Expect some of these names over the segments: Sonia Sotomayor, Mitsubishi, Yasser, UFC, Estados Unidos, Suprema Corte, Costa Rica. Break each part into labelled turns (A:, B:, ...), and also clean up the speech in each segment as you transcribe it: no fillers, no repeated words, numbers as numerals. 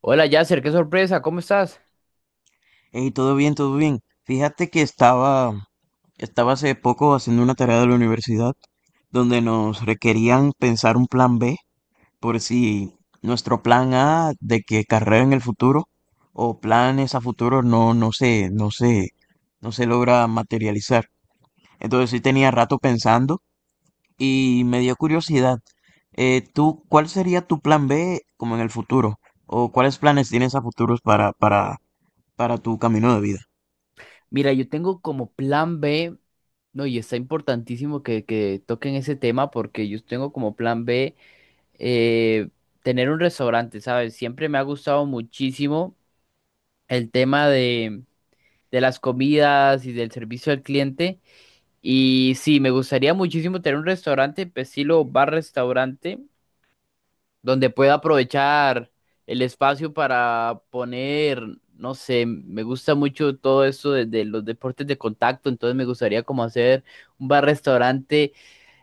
A: Hola Yasser, qué sorpresa, ¿cómo estás?
B: Hey, todo bien, todo bien. Fíjate que estaba hace poco haciendo una tarea de la universidad donde nos requerían pensar un plan B por si nuestro plan A de que carrera en el futuro o planes a futuro no, no se logra materializar. Entonces sí tenía rato pensando y me dio curiosidad. ¿Tú cuál sería tu plan B como en el futuro? ¿O cuáles planes tienes a futuros para tu camino de vida?
A: Mira, yo tengo como plan B, no, y está importantísimo que toquen ese tema porque yo tengo como plan B, eh, tener un restaurante, ¿sabes? Siempre me ha gustado muchísimo el tema de las comidas y del servicio al cliente. Y sí, me gustaría muchísimo tener un restaurante, estilo bar-restaurante, donde pueda aprovechar el espacio para poner, no sé, me gusta mucho todo esto de los deportes de contacto, entonces me gustaría como hacer un bar-restaurante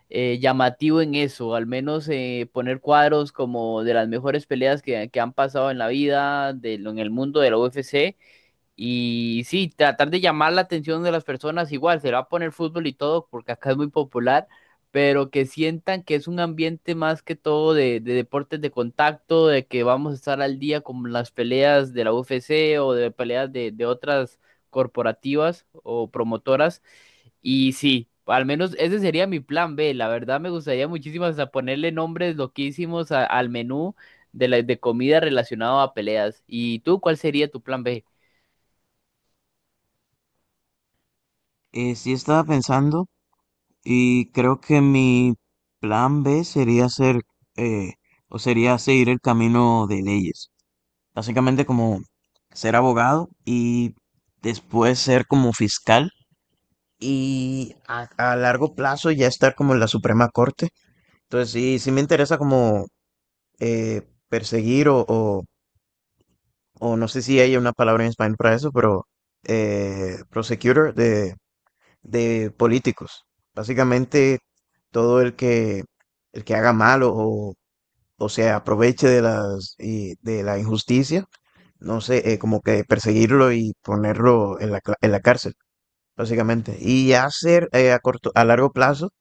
A: llamativo en eso, al menos poner cuadros como de las mejores peleas que han pasado en la vida, de, en el mundo de la UFC, y sí, tratar de llamar la atención de las personas, igual se va a poner fútbol y todo, porque acá es muy popular, pero que sientan que es un ambiente más que todo de deportes de contacto, de que vamos a estar al día con las peleas de la UFC o de peleas de otras corporativas o promotoras. Y sí, al menos ese sería mi plan B. La verdad me gustaría muchísimo hasta ponerle nombres loquísimos al menú de, la, de comida relacionado a peleas. ¿Y tú cuál sería tu plan B?
B: Sí estaba pensando y creo que mi plan B sería hacer eh, o sería seguir el camino de leyes. Básicamente como ser abogado y después ser como fiscal y a largo plazo ya estar como en la Suprema Corte. Entonces sí, sí me interesa como eh, perseguir o no sé si hay una palabra en español para eso, pero prosecutor de políticos. Básicamente, todo el que haga mal o se aproveche de las, y de la injusticia, no sé, como que perseguirlo y ponerlo en en la cárcel, básicamente. Y hacer a largo plazo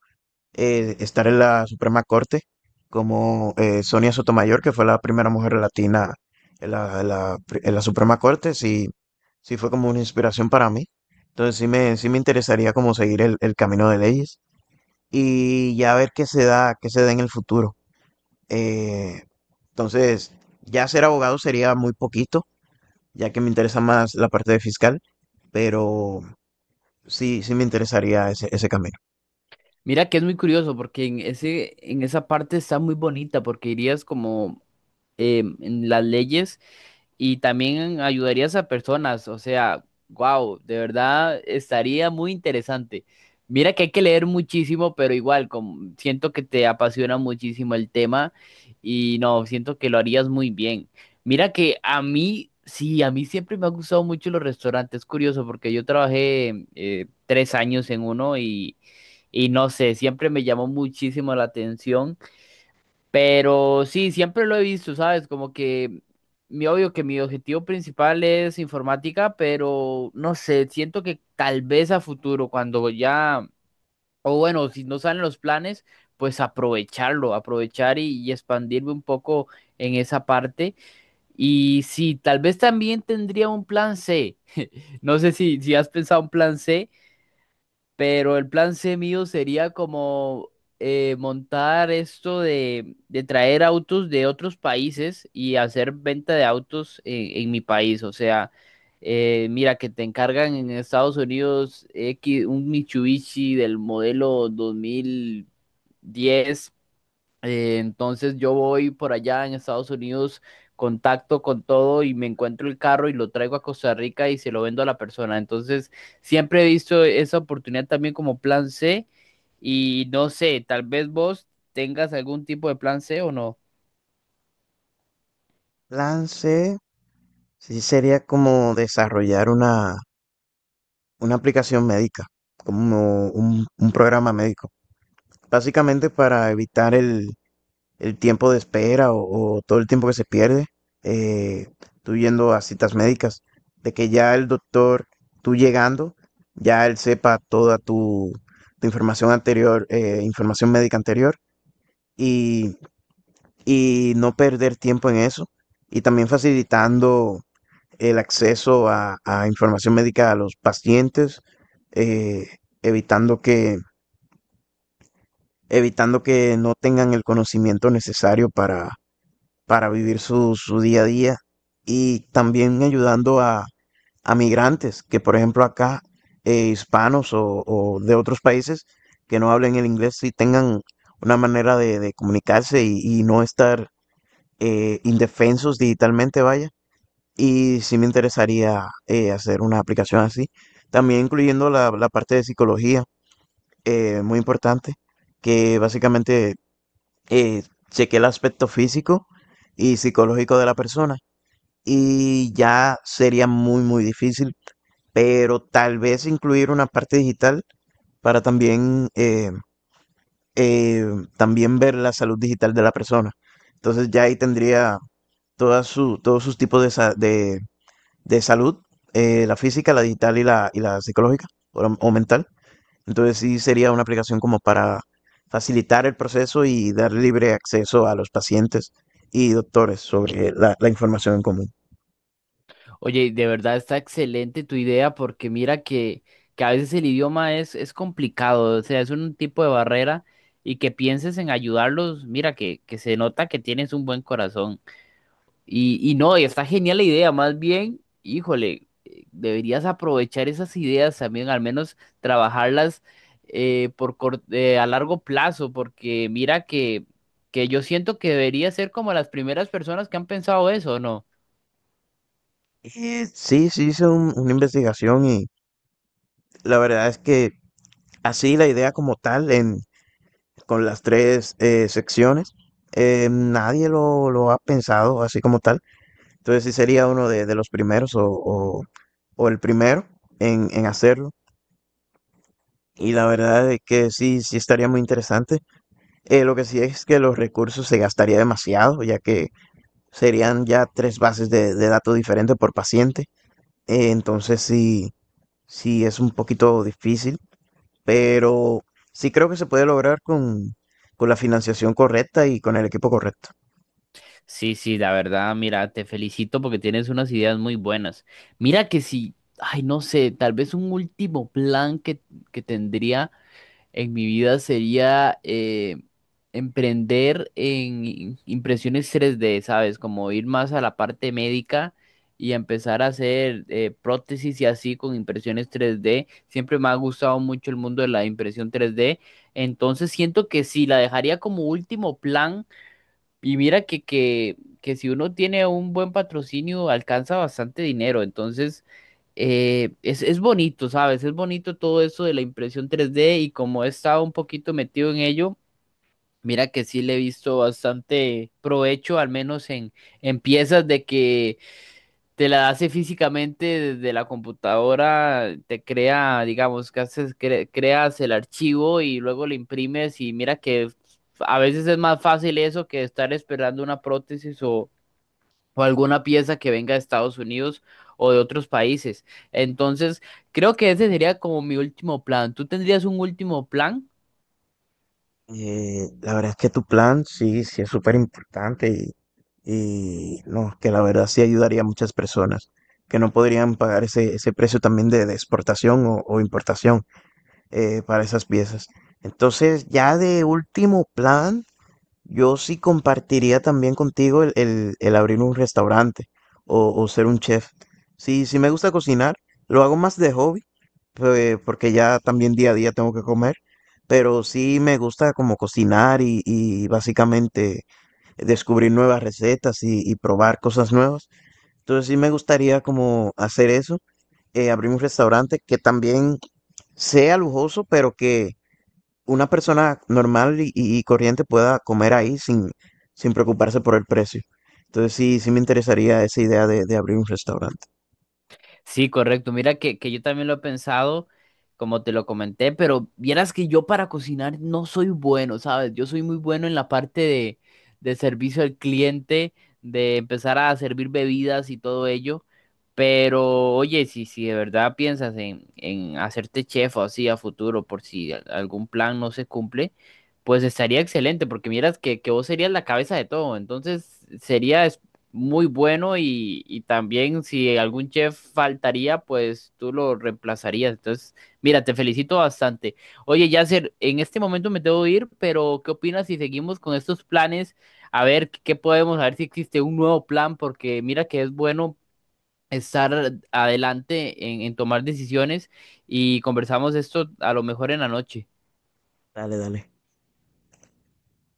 B: estar en la Suprema Corte como Sonia Sotomayor, que fue la primera mujer latina en en la Suprema Corte, sí, sí fue como una inspiración para mí. Entonces sí me interesaría como seguir el camino de leyes y ya ver qué se da en el futuro. Eh, entonces, ya ser abogado sería muy poquito, ya que me interesa más la parte de fiscal, pero sí, sí me interesaría ese camino.
A: Mira que es muy curioso porque en ese, en esa parte está muy bonita porque irías como en las leyes y también ayudarías a personas, o sea, wow, de verdad estaría muy interesante. Mira que hay que leer muchísimo, pero igual, como, siento que te apasiona muchísimo el tema y no, siento que lo harías muy bien. Mira que a mí, sí, a mí siempre me han gustado mucho los restaurantes, es curioso, porque yo trabajé tres años en uno y no sé, siempre me llamó muchísimo la atención. Pero sí, siempre lo he visto, ¿sabes? Como que mi obvio que mi objetivo principal es informática, pero no sé, siento que tal vez a futuro, cuando ya, o bueno, si no salen los planes, pues aprovecharlo, aprovechar y expandirme un poco en esa parte. Y sí, tal vez también tendría un plan C. No sé si, si has pensado un plan C, pero el plan C mío sería como, montar esto de traer autos de otros países y hacer venta de autos en mi país. O sea, mira que te encargan en Estados Unidos X, un Mitsubishi del modelo 2010. Entonces yo voy por allá en Estados Unidos, contacto con todo y me encuentro el carro y lo traigo a Costa Rica y se lo vendo a la persona. Entonces siempre he visto esa oportunidad también como plan C y no sé, tal vez vos tengas algún tipo de plan C o no.
B: Lance Sí, sería como desarrollar una aplicación médica, como un programa médico, básicamente para evitar el tiempo de espera o todo el tiempo que se pierde, eh, tú yendo a citas médicas, de que ya el doctor, tú llegando, ya él sepa toda tu información anterior, información médica anterior, y, y no perder tiempo en eso, y también facilitando el acceso a información médica a los pacientes, eh, evitando que, evitando que no tengan el conocimiento necesario para vivir su día a día y también ayudando a migrantes que, por ejemplo, acá, hispanos o de otros países que no hablen el inglés y tengan una manera de comunicarse y no estar indefensos digitalmente, vaya. Y sí me interesaría hacer una aplicación así, también incluyendo la parte de psicología, muy importante, que básicamente eh, cheque el aspecto físico y psicológico de la persona. Y ya sería muy, muy difícil, pero tal vez incluir una parte digital para eh, también ver la salud digital de la persona. Entonces ya ahí tendría todos sus tipos de, de salud, la física, la digital y y la psicológica o mental. Entonces sí sería una aplicación como para facilitar el proceso y dar libre acceso a los pacientes y doctores sobre la información en común.
A: Oye, de verdad está excelente tu idea porque mira que a veces el idioma es complicado, o sea, es un tipo de barrera y que pienses en ayudarlos, mira que se nota que tienes un buen corazón. Y no, y está genial la idea, más bien, híjole, deberías aprovechar esas ideas también, al menos trabajarlas por a largo plazo, porque mira que yo siento que debería ser como las primeras personas que han pensado eso, ¿no?
B: Y sí, sí hice una investigación y la verdad es que así la idea como tal, en, con las tres secciones, nadie lo ha pensado así como tal. Entonces sí sería uno de los primeros o el primero en hacerlo. Y la verdad es que sí, sí estaría muy interesante. Lo que sí es que los recursos se gastaría demasiado, ya que serían ya tres bases de datos diferentes por paciente. Entonces sí, sí es un poquito difícil, pero sí creo que se puede lograr con la financiación correcta y con el equipo correcto.
A: Sí, sí, la verdad, mira, te felicito porque tienes unas ideas muy buenas. Mira que si, ay, no sé, tal vez un último plan que tendría en mi vida sería emprender en impresiones tres d, ¿sabes? Como ir más a la parte médica y empezar a hacer prótesis y así con impresiones tres d. Siempre me ha gustado mucho el mundo de la impresión tres d. Entonces siento que sí, la dejaría como último plan y mira que, que si uno tiene un buen patrocinio, alcanza bastante dinero. Entonces, es bonito, ¿sabes? Es bonito todo eso de la impresión tres d y como he estado un poquito metido en ello, mira que sí le he visto bastante provecho, al menos en piezas de que te la hace físicamente desde la computadora, te crea, digamos, que haces, creas el archivo y luego lo imprimes y mira que a veces es más fácil eso que estar esperando una prótesis o alguna pieza que venga de Estados Unidos o de otros países. Entonces, creo que ese sería como mi último plan. ¿Tú tendrías un último plan?
B: La verdad es que tu plan sí, sí es súper importante y no, que la verdad sí ayudaría a muchas personas que no podrían pagar ese, ese precio también de exportación o importación para esas piezas. Entonces, ya de último plan. Yo sí compartiría también contigo el abrir un restaurante o ser un chef. Sí, sí me gusta cocinar, lo hago más de hobby, pues, porque ya también día a día tengo que comer, pero sí me gusta como cocinar y básicamente descubrir nuevas recetas y probar cosas nuevas. Entonces sí me gustaría como hacer eso, abrir un restaurante que también sea lujoso, pero que una persona normal y, y corriente pueda comer ahí sin, sin preocuparse por el precio. Entonces sí, sí me interesaría esa idea de abrir un restaurante.
A: Sí, correcto. Mira que yo también lo he pensado, como te lo comenté, pero vieras que yo para cocinar no soy bueno, ¿sabes? Yo soy muy bueno en la parte de servicio al cliente, de empezar a servir bebidas y todo ello. Pero oye, si, si de verdad piensas en hacerte chef o así a futuro, por si algún plan no se cumple, pues estaría excelente, porque miras que vos serías la cabeza de todo. Entonces sería muy bueno y también si algún chef faltaría, pues tú lo reemplazarías. Entonces, mira, te felicito bastante. Oye, Yasser, en este momento me tengo que ir, pero ¿qué opinas si seguimos con estos planes? A ver qué podemos, a ver si existe un nuevo plan, porque mira que es bueno estar adelante en tomar decisiones y conversamos esto a lo mejor en la noche.
B: Dale, dale.